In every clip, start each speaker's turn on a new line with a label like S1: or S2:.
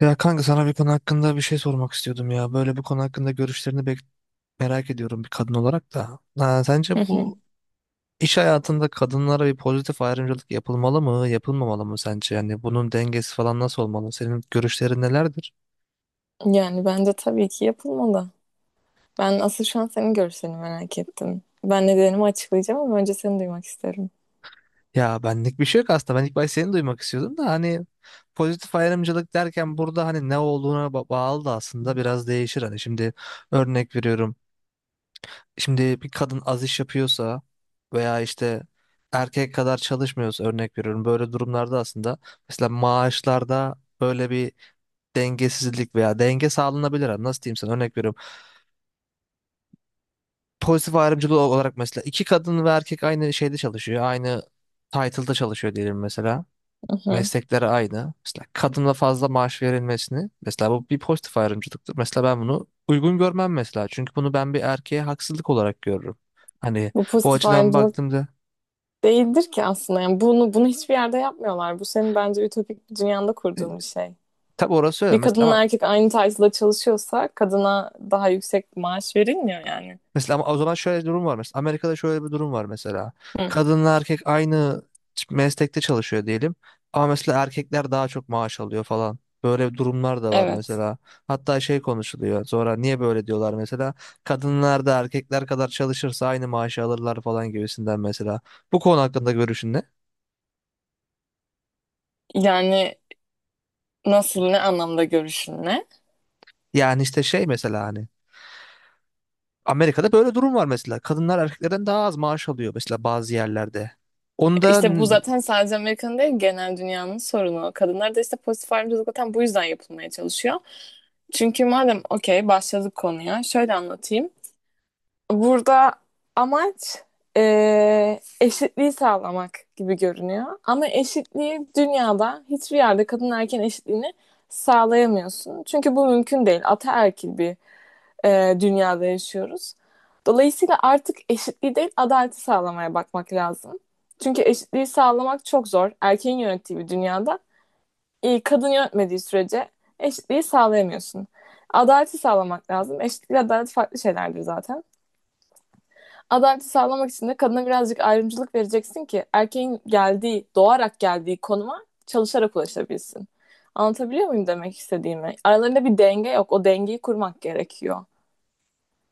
S1: Ya kanka, sana bir konu hakkında bir şey sormak istiyordum ya. Böyle bu konu hakkında merak ediyorum bir kadın olarak da. Ha, sence
S2: Hı hı.
S1: bu iş hayatında kadınlara bir pozitif ayrımcılık yapılmalı mı, yapılmamalı mı sence? Yani bunun dengesi falan nasıl olmalı? Senin görüşlerin nelerdir?
S2: Yani bence tabii ki yapılmalı. Ben asıl şu an senin görüşlerini merak ettim. Ben nedenimi açıklayacağım ama önce seni duymak isterim.
S1: Ya benlik bir şey yok aslında. Ben ilk başta seni duymak istiyordum da hani pozitif ayrımcılık derken burada hani ne olduğuna bağlı da aslında biraz değişir. Hani şimdi örnek veriyorum. Şimdi bir kadın az iş yapıyorsa veya işte erkek kadar çalışmıyorsa, örnek veriyorum, böyle durumlarda aslında mesela maaşlarda böyle bir dengesizlik veya denge sağlanabilir abi. Nasıl diyeyim sana, örnek veriyorum. Pozitif ayrımcılık olarak mesela iki kadın ve erkek aynı şeyde çalışıyor. Aynı title'da çalışıyor diyelim mesela.
S2: Hı hı.
S1: Meslekleri aynı. Mesela kadına fazla maaş verilmesini, mesela, bu bir pozitif ayrımcılıktır. Mesela ben bunu uygun görmem mesela. Çünkü bunu ben bir erkeğe haksızlık olarak görürüm. Hani
S2: Bu
S1: bu
S2: pozitif
S1: açıdan
S2: ayrımcılık
S1: baktığımda,
S2: değildir ki aslında. Yani bunu hiçbir yerde yapmıyorlar. Bu senin bence ütopik bir dünyanda kurduğun bir şey.
S1: tabii orası öyle
S2: Bir
S1: mesela ama
S2: kadınla erkek aynı title'da çalışıyorsa kadına daha yüksek maaş verilmiyor yani.
S1: mesela ama o zaman şöyle bir durum var mesela, Amerika'da şöyle bir durum var mesela,
S2: Hı.
S1: kadınla erkek aynı meslekte çalışıyor diyelim ama mesela erkekler daha çok maaş alıyor falan, böyle durumlar da var
S2: Evet.
S1: mesela, hatta şey konuşuluyor sonra, niye böyle diyorlar mesela, kadınlar da erkekler kadar çalışırsa aynı maaşı alırlar falan gibisinden. Mesela bu konu hakkında görüşün ne?
S2: Yani nasıl ne anlamda görüşün ne?
S1: Yani işte şey mesela, hani Amerika'da böyle durum var mesela, kadınlar erkeklerden daha az maaş alıyor mesela bazı yerlerde. Onda
S2: İşte bu zaten sadece Amerika'nın değil genel dünyanın sorunu. Kadınlar da işte pozitif ayrımcılık zaten bu yüzden yapılmaya çalışıyor. Çünkü madem okey başladık konuya şöyle anlatayım. Burada amaç eşitliği sağlamak gibi görünüyor. Ama eşitliği dünyada hiçbir yerde kadın erkeğin eşitliğini sağlayamıyorsun. Çünkü bu mümkün değil. Ataerkil bir dünyada yaşıyoruz. Dolayısıyla artık eşitliği değil adaleti sağlamaya bakmak lazım. Çünkü eşitliği sağlamak çok zor. Erkeğin yönettiği bir dünyada kadın yönetmediği sürece eşitliği sağlayamıyorsun. Adaleti sağlamak lazım. Eşitlik adalet farklı şeylerdir zaten. Adaleti sağlamak için de kadına birazcık ayrımcılık vereceksin ki erkeğin geldiği, doğarak geldiği konuma çalışarak ulaşabilsin. Anlatabiliyor muyum demek istediğimi? Aralarında bir denge yok. O dengeyi kurmak gerekiyor.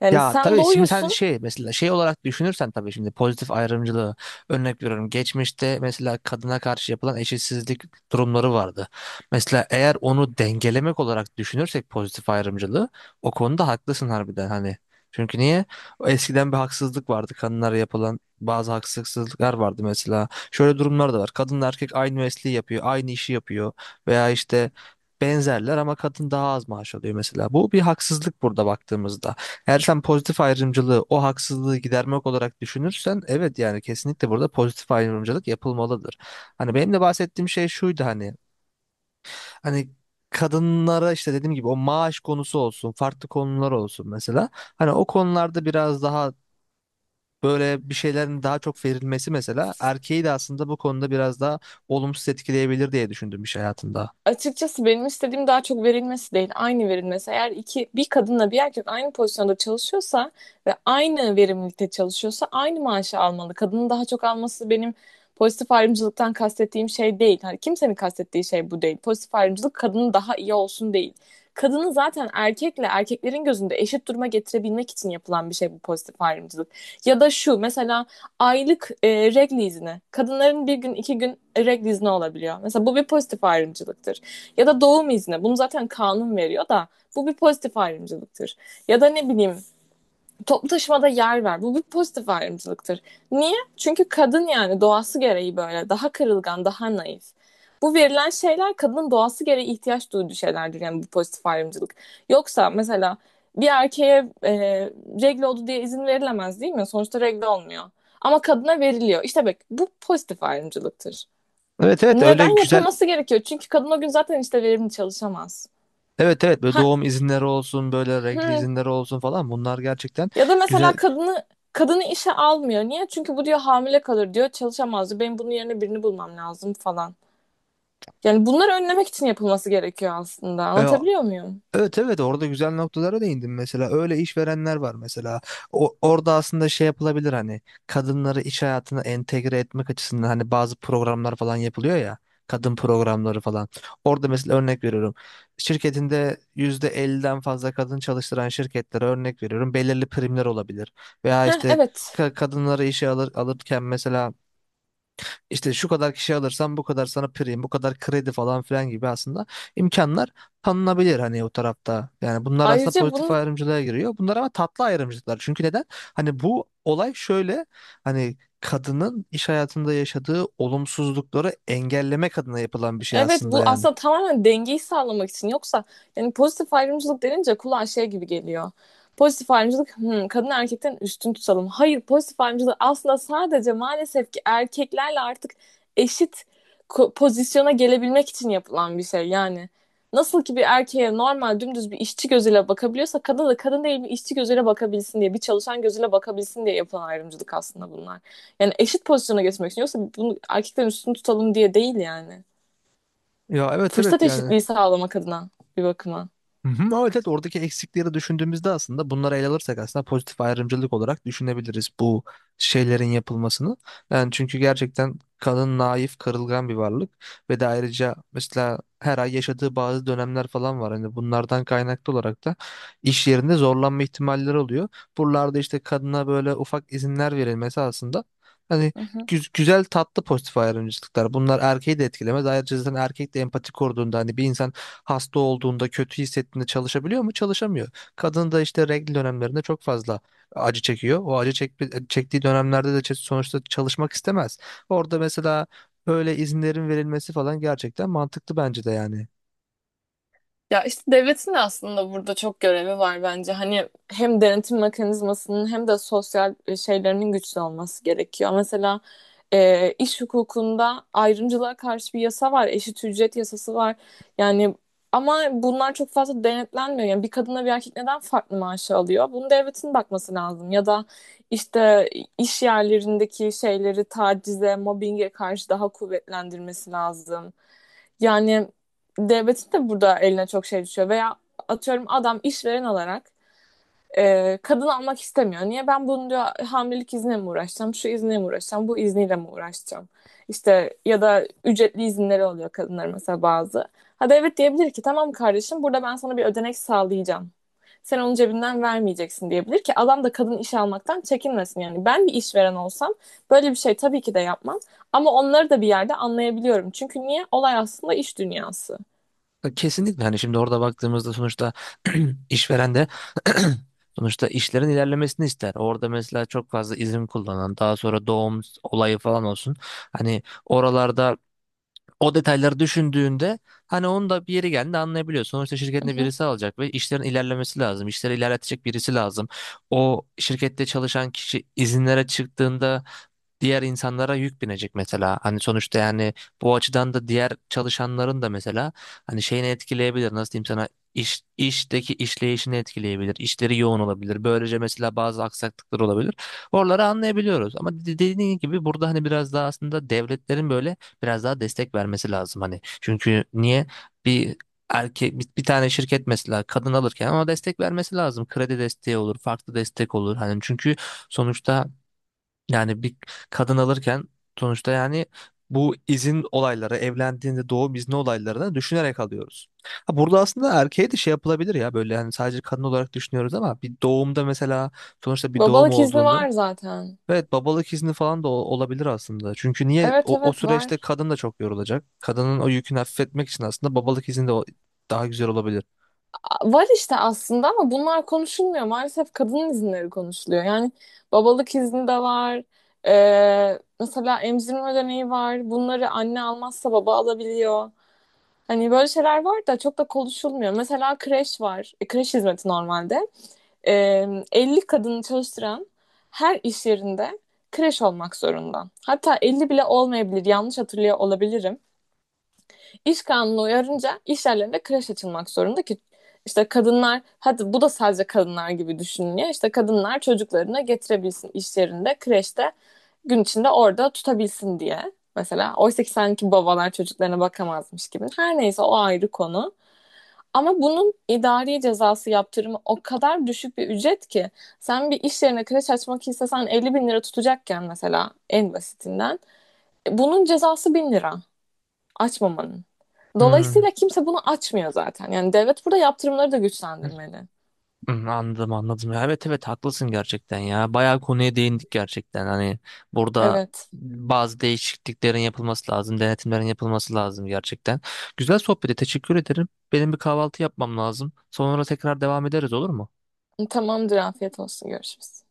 S2: Yani
S1: ya
S2: sen
S1: tabii şimdi sen
S2: doğuyorsun.
S1: şey mesela, şey olarak düşünürsen tabii şimdi pozitif ayrımcılığı, örnek veriyorum, geçmişte mesela kadına karşı yapılan eşitsizlik durumları vardı. Mesela eğer onu dengelemek olarak düşünürsek pozitif ayrımcılığı, o konuda haklısın harbiden hani. Çünkü niye? O Eskiden bir haksızlık vardı. Kadınlara yapılan bazı haksızlıklar vardı mesela. Şöyle durumlar da var. Kadın erkek aynı mesleği yapıyor, aynı işi yapıyor veya işte benzerler ama kadın daha az maaş alıyor mesela. Bu bir haksızlık burada baktığımızda. Eğer sen pozitif ayrımcılığı o haksızlığı gidermek olarak düşünürsen, evet, yani kesinlikle burada pozitif ayrımcılık yapılmalıdır. Hani benim de bahsettiğim şey şuydu, hani hani kadınlara işte dediğim gibi o maaş konusu olsun, farklı konular olsun mesela. Hani o konularda biraz daha böyle bir şeylerin daha çok verilmesi mesela erkeği de aslında bu konuda biraz daha olumsuz etkileyebilir diye düşündüm iş hayatında.
S2: Açıkçası benim istediğim daha çok verilmesi değil, aynı verilmesi. Eğer iki bir kadınla bir erkek aynı pozisyonda çalışıyorsa ve aynı verimlilikte çalışıyorsa aynı maaşı almalı. Kadının daha çok alması benim pozitif ayrımcılıktan kastettiğim şey değil. Hani kimsenin kastettiği şey bu değil. Pozitif ayrımcılık kadının daha iyi olsun değil. Kadını zaten erkekle erkeklerin gözünde eşit duruma getirebilmek için yapılan bir şey bu pozitif ayrımcılık. Ya da şu mesela aylık regl izni. Kadınların bir gün iki gün regl izni olabiliyor. Mesela bu bir pozitif ayrımcılıktır. Ya da doğum izni. Bunu zaten kanun veriyor da bu bir pozitif ayrımcılıktır. Ya da ne bileyim toplu taşımada yer ver. Bu bir pozitif ayrımcılıktır. Niye? Çünkü kadın yani doğası gereği böyle daha kırılgan, daha naif. Bu verilen şeyler kadının doğası gereği ihtiyaç duyduğu şeylerdir yani bu pozitif ayrımcılık. Yoksa mesela bir erkeğe regle oldu diye izin verilemez değil mi? Sonuçta regle olmuyor. Ama kadına veriliyor. İşte bak bu pozitif ayrımcılıktır.
S1: Evet evet, öyle
S2: Neden
S1: güzel.
S2: yapılması gerekiyor? Çünkü kadın o gün zaten işte verimli çalışamaz.
S1: Evet evet, böyle
S2: Ha,
S1: doğum izinleri olsun, böyle regl
S2: hmm,
S1: izinleri olsun falan, bunlar gerçekten
S2: Ya da
S1: güzel.
S2: mesela kadını işe almıyor. Niye? Çünkü bu diyor hamile kalır diyor. Çalışamaz diyor. Benim bunun yerine birini bulmam lazım falan. Yani bunları önlemek için yapılması gerekiyor aslında.
S1: e,
S2: Anlatabiliyor muyum?
S1: Evet evet, orada güzel noktalara değindim. Mesela öyle işverenler var mesela, orada aslında şey yapılabilir hani, kadınları iş hayatına entegre etmek açısından hani bazı programlar falan yapılıyor ya, kadın programları falan. Orada mesela, örnek veriyorum, şirketinde %50'den fazla kadın çalıştıran şirketlere, örnek veriyorum, belirli primler olabilir veya
S2: Heh,
S1: işte
S2: evet.
S1: kadınları işe alır, alırken mesela işte şu kadar kişi alırsan bu kadar sana prim, bu kadar kredi falan filan gibi aslında imkanlar tanınabilir hani o tarafta. Yani bunlar aslında
S2: Ayrıca
S1: pozitif
S2: bunun
S1: ayrımcılığa giriyor. Bunlar ama tatlı ayrımcılıklar. Çünkü neden? Hani bu olay şöyle, hani kadının iş hayatında yaşadığı olumsuzlukları engellemek adına yapılan bir şey
S2: Evet
S1: aslında
S2: bu
S1: yani.
S2: aslında tamamen dengeyi sağlamak için. Yoksa yani pozitif ayrımcılık denince kulağa şey gibi geliyor. Pozitif ayrımcılık kadın erkekten üstün tutalım. Hayır pozitif ayrımcılık aslında sadece maalesef ki erkeklerle artık eşit pozisyona gelebilmek için yapılan bir şey. Yani nasıl ki bir erkeğe normal dümdüz bir işçi gözüyle bakabiliyorsa kadına da kadın değil bir işçi gözüyle bakabilsin diye bir çalışan gözüyle bakabilsin diye yapılan ayrımcılık aslında bunlar. Yani eşit pozisyona geçmek için yoksa bunu erkekten üstün tutalım diye değil yani
S1: Ya evet evet
S2: fırsat
S1: yani.
S2: eşitliği sağlamak adına bir bakıma.
S1: Hı hı. Ama evet evet, oradaki eksikleri düşündüğümüzde aslında bunları ele alırsak aslında pozitif ayrımcılık olarak düşünebiliriz bu şeylerin yapılmasını. Yani çünkü gerçekten kadın naif, kırılgan bir varlık ve de ayrıca mesela her ay yaşadığı bazı dönemler falan var. Hani bunlardan kaynaklı olarak da iş yerinde zorlanma ihtimalleri oluyor. Buralarda işte kadına böyle ufak izinler verilmesi aslında hani
S2: Hı hı.
S1: güzel tatlı pozitif ayrımcılıklar. Bunlar erkeği de etkilemez. Ayrıca zaten erkek de empati kurduğunda, hani bir insan hasta olduğunda, kötü hissettiğinde çalışabiliyor mu? Çalışamıyor. Kadın da işte regl dönemlerinde çok fazla acı çekiyor. O çektiği dönemlerde de sonuçta çalışmak istemez. Orada mesela böyle izinlerin verilmesi falan gerçekten mantıklı bence de yani.
S2: Ya işte devletin de aslında burada çok görevi var bence. Hani hem denetim mekanizmasının hem de sosyal şeylerinin güçlü olması gerekiyor. Mesela iş hukukunda ayrımcılığa karşı bir yasa var, eşit ücret yasası var. Yani ama bunlar çok fazla denetlenmiyor. Yani bir kadınla bir erkek neden farklı maaşı alıyor? Bunun devletin bakması lazım. Ya da işte iş yerlerindeki şeyleri tacize, mobbinge karşı daha kuvvetlendirmesi lazım. Yani devletin de burada eline çok şey düşüyor. Veya atıyorum adam işveren olarak kadın almak istemiyor. Niye ben bunu diyor hamilelik izniyle mi uğraşacağım, şu izniyle mi uğraşacağım, bu izniyle mi uğraşacağım? İşte ya da ücretli izinleri oluyor kadınlar mesela bazı. Ha devlet diyebilir ki tamam kardeşim burada ben sana bir ödenek sağlayacağım. Sen onun cebinden vermeyeceksin diyebilir ki adam da kadın iş almaktan çekinmesin yani. Ben bir işveren olsam böyle bir şey tabii ki de yapmam ama onları da bir yerde anlayabiliyorum. Çünkü niye? Olay aslında iş dünyası.
S1: Kesinlikle, hani şimdi orada baktığımızda sonuçta işveren de sonuçta işlerin ilerlemesini ister. Orada mesela çok fazla izin kullanan, daha sonra doğum olayı falan olsun. Hani oralarda, o detayları düşündüğünde hani onu da bir yeri geldiğinde anlayabiliyor. Sonuçta
S2: Hı
S1: şirketinde
S2: hı.
S1: birisi alacak ve işlerin ilerlemesi lazım. İşleri ilerletecek birisi lazım. O şirkette çalışan kişi izinlere çıktığında diğer insanlara yük binecek mesela. Hani sonuçta yani bu açıdan da diğer çalışanların da mesela hani şeyini etkileyebilir. Nasıl diyeyim sana, işteki işleyişini etkileyebilir. İşleri yoğun olabilir. Böylece mesela bazı aksaklıklar olabilir. Oraları anlayabiliyoruz. Ama dediğin gibi burada hani biraz daha aslında devletlerin böyle biraz daha destek vermesi lazım hani. Çünkü niye, bir erkek bir tane şirket mesela kadın alırken ama destek vermesi lazım. Kredi desteği olur, farklı destek olur. Hani çünkü sonuçta yani bir kadın alırken sonuçta yani bu izin olayları, evlendiğinde doğum izni olaylarını düşünerek alıyoruz. Ha burada aslında erkeğe de şey yapılabilir ya, böyle hani sadece kadın olarak düşünüyoruz ama bir doğumda mesela, sonuçta bir doğum
S2: Babalık izni
S1: olduğunda
S2: var zaten.
S1: evet, babalık izni falan da olabilir aslında. Çünkü niye,
S2: Evet
S1: o
S2: evet
S1: süreçte
S2: var.
S1: kadın da çok yorulacak. Kadının o yükünü hafifletmek için aslında babalık izni de daha güzel olabilir.
S2: Var işte aslında ama bunlar konuşulmuyor. Maalesef kadın izinleri konuşuluyor. Yani babalık izni de var. Mesela emzirme ödeneği var. Bunları anne almazsa baba alabiliyor. Hani böyle şeyler var da çok da konuşulmuyor. Mesela kreş var. Kreş hizmeti normalde. Ee, 50 kadını çalıştıran her iş yerinde kreş olmak zorunda. Hatta 50 bile olmayabilir. Yanlış hatırlıyor olabilirim. İş kanunu uyarınca iş yerlerinde kreş açılmak zorunda ki işte kadınlar hadi bu da sadece kadınlar gibi düşünülüyor. İşte kadınlar çocuklarını getirebilsin iş yerinde kreşte gün içinde orada tutabilsin diye. Mesela oysa ki sanki babalar çocuklarına bakamazmış gibi. Her neyse o ayrı konu. Ama bunun idari cezası yaptırımı o kadar düşük bir ücret ki sen bir iş yerine kreş açmak istesen 50 bin lira tutacakken mesela en basitinden bunun cezası 1000 lira. Açmamanın.
S1: Hmm.
S2: Dolayısıyla kimse bunu açmıyor zaten. Yani devlet burada yaptırımları da güçlendirmeli.
S1: Hmm, anladım anladım. Ya evet evet, haklısın gerçekten ya. Bayağı konuya değindik gerçekten. Hani burada
S2: Evet.
S1: bazı değişikliklerin yapılması lazım, denetimlerin yapılması lazım gerçekten. Güzel sohbete teşekkür ederim. Benim bir kahvaltı yapmam lazım. Sonra tekrar devam ederiz, olur mu?
S2: Tamamdır. Afiyet olsun. Görüşürüz.